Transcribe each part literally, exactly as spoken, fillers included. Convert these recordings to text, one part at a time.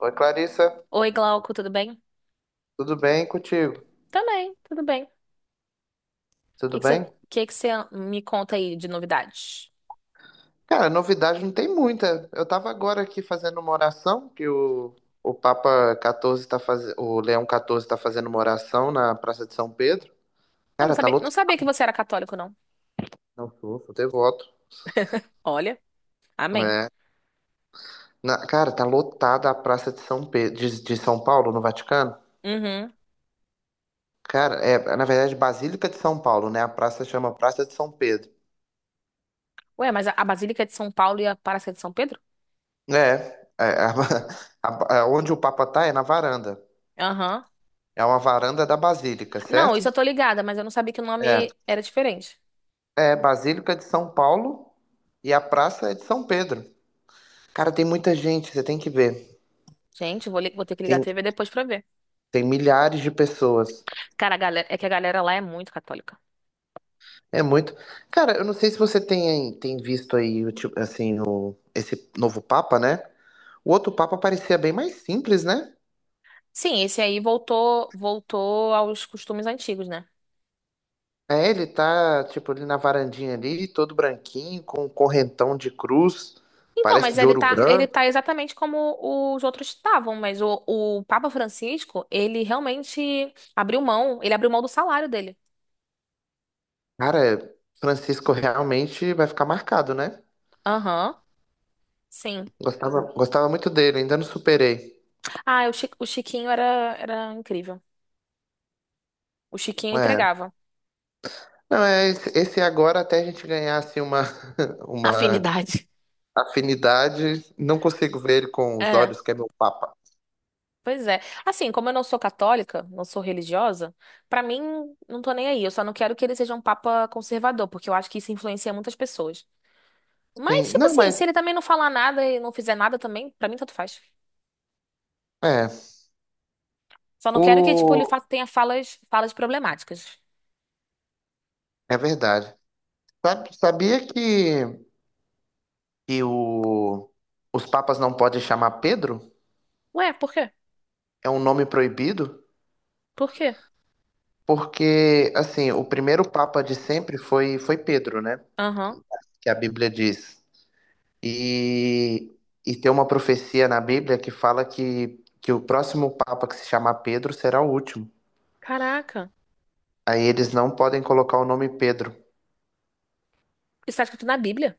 Oi, Clarissa, Oi, Glauco, tudo bem? tudo bem contigo? Também, tudo bem. O que Tudo que você, bem? que que você me conta aí de novidades? Cara, novidade não tem muita. Eu tava agora aqui fazendo uma oração, que o, o Papa catorze tá fazendo, o Leão catorze tá fazendo uma oração na Praça de São Pedro. Ah, não Cara, tá sabia, não sabia que lotado. você era católico, não. Não, sou, sou devoto. Olha, amém. É. Na- cara, tá lotada a Praça de São Pedro, de, de São Paulo, no Vaticano. Uhum. Cara, é, na verdade, Basílica de São Paulo, né? A praça chama Praça de São Pedro. Ué, mas a, a Basílica é de São Paulo e a Paróquia é de São Pedro? É, é, a- a- a- onde o Papa tá é na varanda. Aham. É uma varanda da Basílica, Não, certo? isso eu tô ligada, mas eu não sabia que o É. nome era diferente. É, Basílica de São Paulo e a praça é de São Pedro. Cara, tem muita gente, você tem que ver. Gente, vou, li- vou ter que ligar a Tem, T V depois pra ver. tem milhares de pessoas. Cara, a galera, é que a galera lá é muito católica. É muito. Cara, eu não sei se você tem, tem visto aí, o tipo, assim, o, esse novo Papa, né? O outro Papa parecia bem mais simples, né? Sim, esse aí voltou, voltou aos costumes antigos, né? É, ele tá, tipo, ali na varandinha ali, todo branquinho, com um correntão de cruz, Então, parece mas de ele ouro tá, ele branco. tá exatamente como os outros estavam, mas o, o Papa Francisco, ele realmente abriu mão, ele abriu mão do salário dele. Cara, Francisco realmente vai ficar marcado, né? Aham, sim. Gostava, gostava muito dele, ainda não superei. Ah, o, Chi- o Chiquinho era, era incrível. O Chiquinho É. entregava. Não, é esse esse agora até a gente ganhar assim, uma, uma Afinidade. afinidade, não consigo ver ele com os É, olhos que é meu papa. pois é. Assim, como eu não sou católica, não sou religiosa, pra mim, não tô nem aí. Eu só não quero que ele seja um Papa conservador, porque eu acho que isso influencia muitas pessoas. Mas, Sim, tipo não, assim, se mas ele também não falar nada e não fizer nada também, pra mim tanto faz. é. Só não quero que, tipo, ele O, fa- tenha falas, falas problemáticas. é verdade. Sabe- Sabia que, que o, os papas não podem chamar Pedro? Ué, por quê? É um nome proibido? Por quê? Porque, assim, o primeiro papa de sempre foi, foi Pedro, né? Aham. Que a Bíblia diz. E, e tem uma profecia na Bíblia que fala que, que o próximo Papa que se chamar Pedro será o último. Caraca. Aí eles não podem colocar o nome Pedro. Isso tá escrito na Bíblia?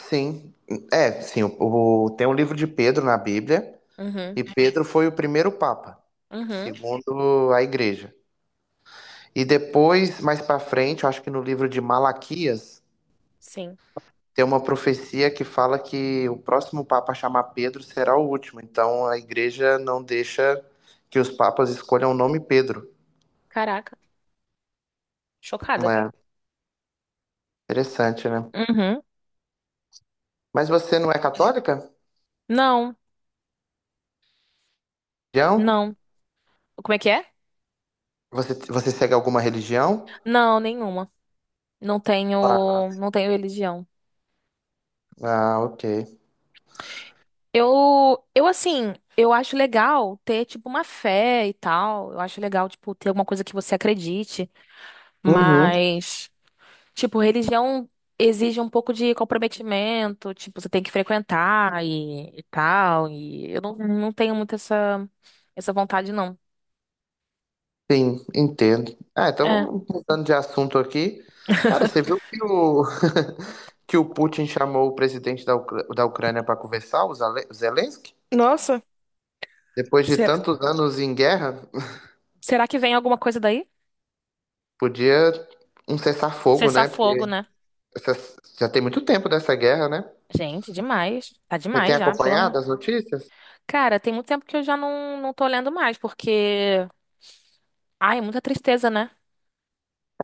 Sim, é, sim, o, o- tem um livro de Pedro na Bíblia, Uhum. e Pedro foi o primeiro Papa, Uhum. segundo a Igreja. E depois, mais pra frente, eu acho que no livro de Malaquias, Sim. tem uma profecia que fala que o próximo Papa a chamar Pedro será o último. Então a Igreja não deixa que os papas escolham o nome Pedro. Caraca. Chocada. É, interessante, né? Uhum. Mas você não é católica? Não. Religião? Não. Como é que é? Você, você segue alguma religião? Não, nenhuma. Não tenho, Ah, não tenho religião. ah, ok. Eu, eu assim, eu acho legal ter, tipo, uma fé e tal. Eu acho legal, tipo, ter alguma coisa que você acredite. Uhum. Mas tipo, religião exige um pouco de comprometimento, tipo, você tem que frequentar e, e tal, e eu não, não tenho muito essa, essa vontade, não. Sim, entendo. Ah, É. então, mudando de assunto aqui. Cara, você viu que o, que o Putin chamou o presidente da, Ucra- da Ucrânia para conversar, o Zale- o Zelensky? Nossa, Depois de será? tantos anos em guerra, Será que vem alguma coisa daí? podia um cessar-fogo, Cessar né? Porque fogo, né? essa- já tem muito tempo dessa guerra, né? Gente, demais. Tá Você tem demais já, pelo amor. acompanhado as notícias? Cara, tem muito tempo que eu já não, não tô lendo mais, porque. Ai, é muita tristeza, né?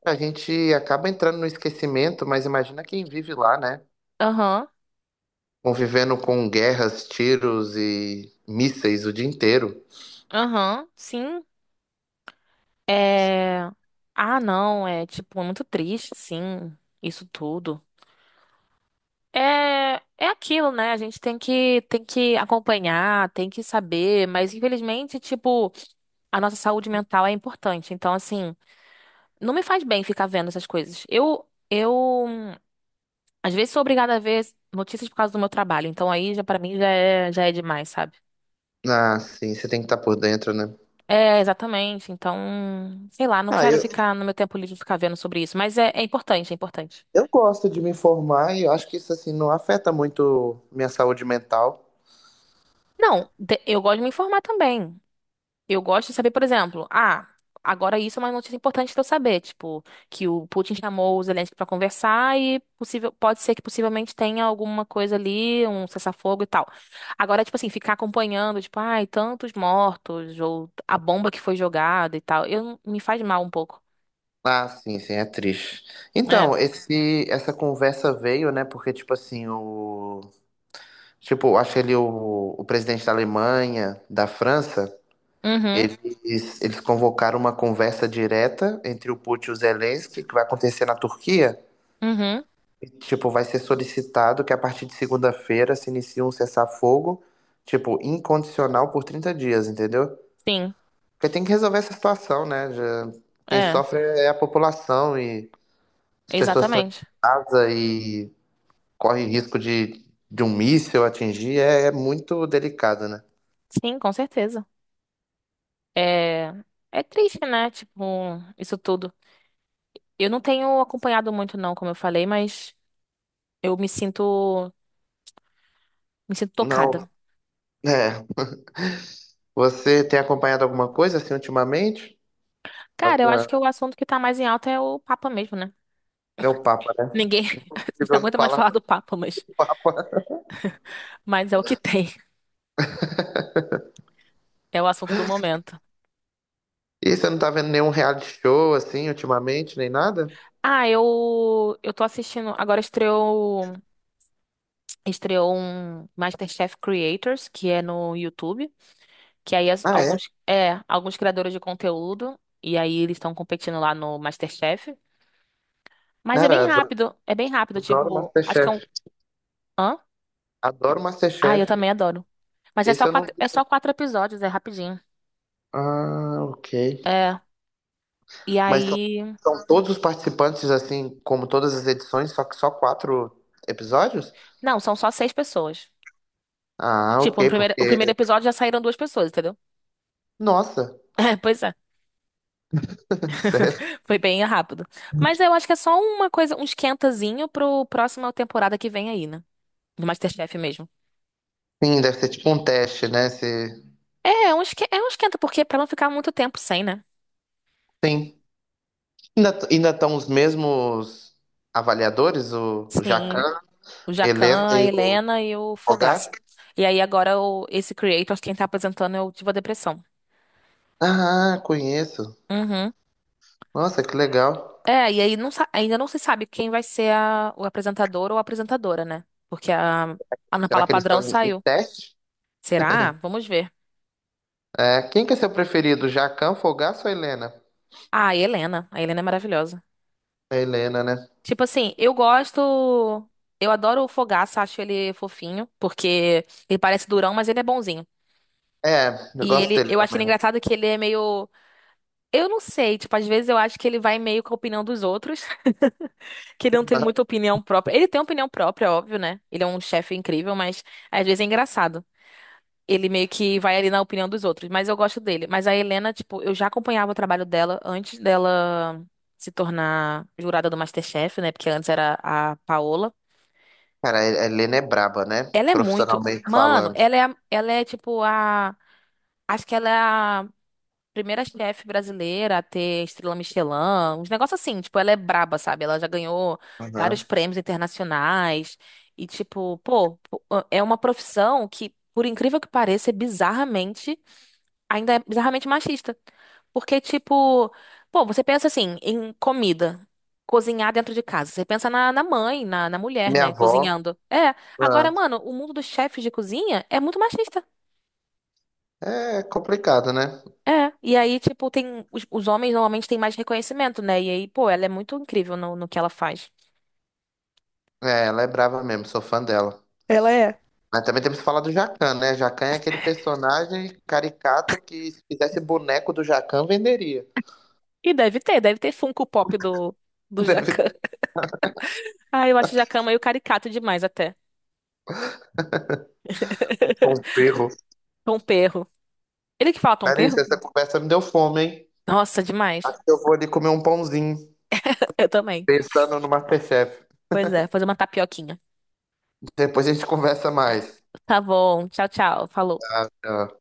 A gente acaba entrando no esquecimento, mas imagina quem vive lá, né? Aham, Convivendo com guerras, tiros e mísseis o dia inteiro. aham, sim. Ah, não, é tipo, é muito triste, sim, isso tudo. É, é aquilo, né? A gente tem que, tem que acompanhar, tem que saber, mas infelizmente, tipo, a nossa saúde mental é importante. Então, assim, não me faz bem ficar vendo essas coisas. Eu, eu, hum, às vezes sou obrigada a ver notícias por causa do meu trabalho. Então, aí já para mim já é, já é demais, sabe? Ah, sim, você tem que estar por dentro, né? É, exatamente. Então, sei lá, não Ah, quero eu, ficar no meu tempo livre ficar vendo sobre isso, mas é, é importante, é importante. eu gosto de me informar e eu acho que isso, assim, não afeta muito minha saúde mental. Não, de- eu gosto de me informar também. Eu gosto de saber, por exemplo, ah, agora isso é uma notícia importante para eu saber, tipo, que o Putin chamou o Zelensky para conversar e possível, pode ser que possivelmente tenha alguma coisa ali, um cessar-fogo e tal. Agora, tipo assim, ficar acompanhando, tipo, ai, tantos mortos, ou a bomba que foi jogada e tal, eu, me faz mal um pouco. Ah, sim, sim, é triste. Então, É. esse, essa conversa veio, né? Porque, tipo assim, o. Tipo, acho ele o, o presidente da Alemanha, da França. Uhum, Eles, eles convocaram uma conversa direta entre o Putin e o Zelensky, que vai acontecer na Turquia. uhum, E, tipo, vai ser solicitado que a partir de segunda-feira se inicie um cessar-fogo, tipo, incondicional por trinta dias, entendeu? sim, Porque tem que resolver essa situação, né? Já- quem é, sofre é a população e as pessoas estão em exatamente. casa e correm risco de, de um míssil atingir. É, é muito delicado, né? Sim, com certeza. É, é triste, né? Tipo, isso tudo. Eu não tenho acompanhado muito, não, como eu falei, mas. Eu me sinto, me sinto Não, tocada. é. Você tem acompanhado alguma coisa assim ultimamente? Cara, eu acho Alguma que o assunto que tá mais em alta é o Papa mesmo, né? É o Papa, né? Ninguém Se eu não não aguenta mais falar, falar tá do Papa, mas, fora. mas é o que tem. É o assunto do momento. E você não tá vendo nenhum reality show, assim, ultimamente, nem nada? Ah, eu eu tô assistindo, agora estreou estreou um MasterChef Creators, que é no YouTube, que aí as- Ah, é? alguns é, alguns criadores de conteúdo e aí eles estão competindo lá no MasterChef, mas é Cara, bem adoro, rápido, é bem rápido, adoro tipo, acho que é um Masterchef. hã? Adoro Ah, Masterchef. eu também adoro. Mas é só Esse eu não quatro, é vi. só quatro episódios, é rapidinho. Ah, ok. É. E Mas são, aí. são todos os participantes, assim, como todas as edições, só que só quatro episódios? Não, são só seis pessoas. Ah, Tipo, ok, no primeiro, o porque. primeiro episódio já saíram duas pessoas, entendeu? Nossa, É, pois é. sério. Foi bem rápido. Mas eu acho que é só uma coisa, um esquentazinho pro próxima temporada que vem aí, né? Do MasterChef mesmo. Sim, deve ser tipo um teste, né? Se... É, é um esque- é um esquenta, porque pra não ficar muito tempo sem, né? Sim. Ainda ainda estão os mesmos avaliadores, o Sim. Jacan, O Helena Jacan, a e o Helena e o Fogaça. Fogaça? E aí agora o, esse creator, quem tá apresentando é o Diva Depressão. Ah, conheço. Uhum. Nossa, que legal. É, e aí não sa- ainda não se sabe quem vai ser a- o apresentador ou a apresentadora, né? Porque a Ana Será Paula que eles estão Padrão em em saiu. teste? Será? Vamos ver. É, quem que é seu preferido, Jacquin, Fogaça ou Helena? Ah, e Helena. A Helena é maravilhosa. É Helena, né? Tipo assim, eu gosto. Eu adoro o Fogaça, acho ele fofinho, porque ele parece durão, mas ele é bonzinho. É, eu E gosto ele, dele eu acho ele também. engraçado que ele é meio. Eu não sei, tipo, às vezes eu acho que ele vai meio com a opinião dos outros, que ele não tem Aham. muita opinião própria. Ele tem opinião própria, óbvio, né? Ele é um chefe incrível, mas às vezes é engraçado. Ele meio que vai ali na opinião dos outros, mas eu gosto dele. Mas a Helena, tipo, eu já acompanhava o trabalho dela antes dela se tornar jurada do MasterChef, né? Porque antes era a Paola. Cara, a Helena é braba, né? Ela é muito. Profissionalmente Mano, falando. ela é, a- ela é tipo a. Acho que ela é a primeira chefe brasileira a ter estrela Michelin, uns negócios assim. Tipo, ela é braba, sabe? Ela já ganhou vários Aham. prêmios internacionais. E, tipo, pô, é uma profissão que, por incrível que pareça, é bizarramente. Ainda é bizarramente machista. Porque, tipo, pô, você pensa assim, em comida, cozinhar dentro de casa. Você pensa na, na mãe, na, na mulher, Minha né, avó, cozinhando. É. Agora, ah, mano, o mundo dos chefes de cozinha é muito machista. é complicado, né? É. E aí, tipo, tem. Os, os homens normalmente têm mais reconhecimento, né? E aí, pô, ela é muito incrível no, no que ela faz. É, ela é brava mesmo, sou fã dela. Ela é. Mas também temos que falar do Jacquin, né? Jacquin é aquele personagem caricato que se fizesse boneco do Jacquin, venderia. E deve ter, deve ter Funko Pop do, do Deve ter Jacan. Ah, eu acho o Jacan meio caricato demais até. um perro. Tom Perro. Ele que fala Tom Larissa, Perro? essa conversa me deu fome, hein? Nossa, demais. Acho que eu vou ali comer um pãozinho, Eu também. pensando no MasterChef. Pois é, fazer uma tapioquinha. Depois a gente conversa mais. Tá bom, tchau, tchau. Falou. Tá, tchau.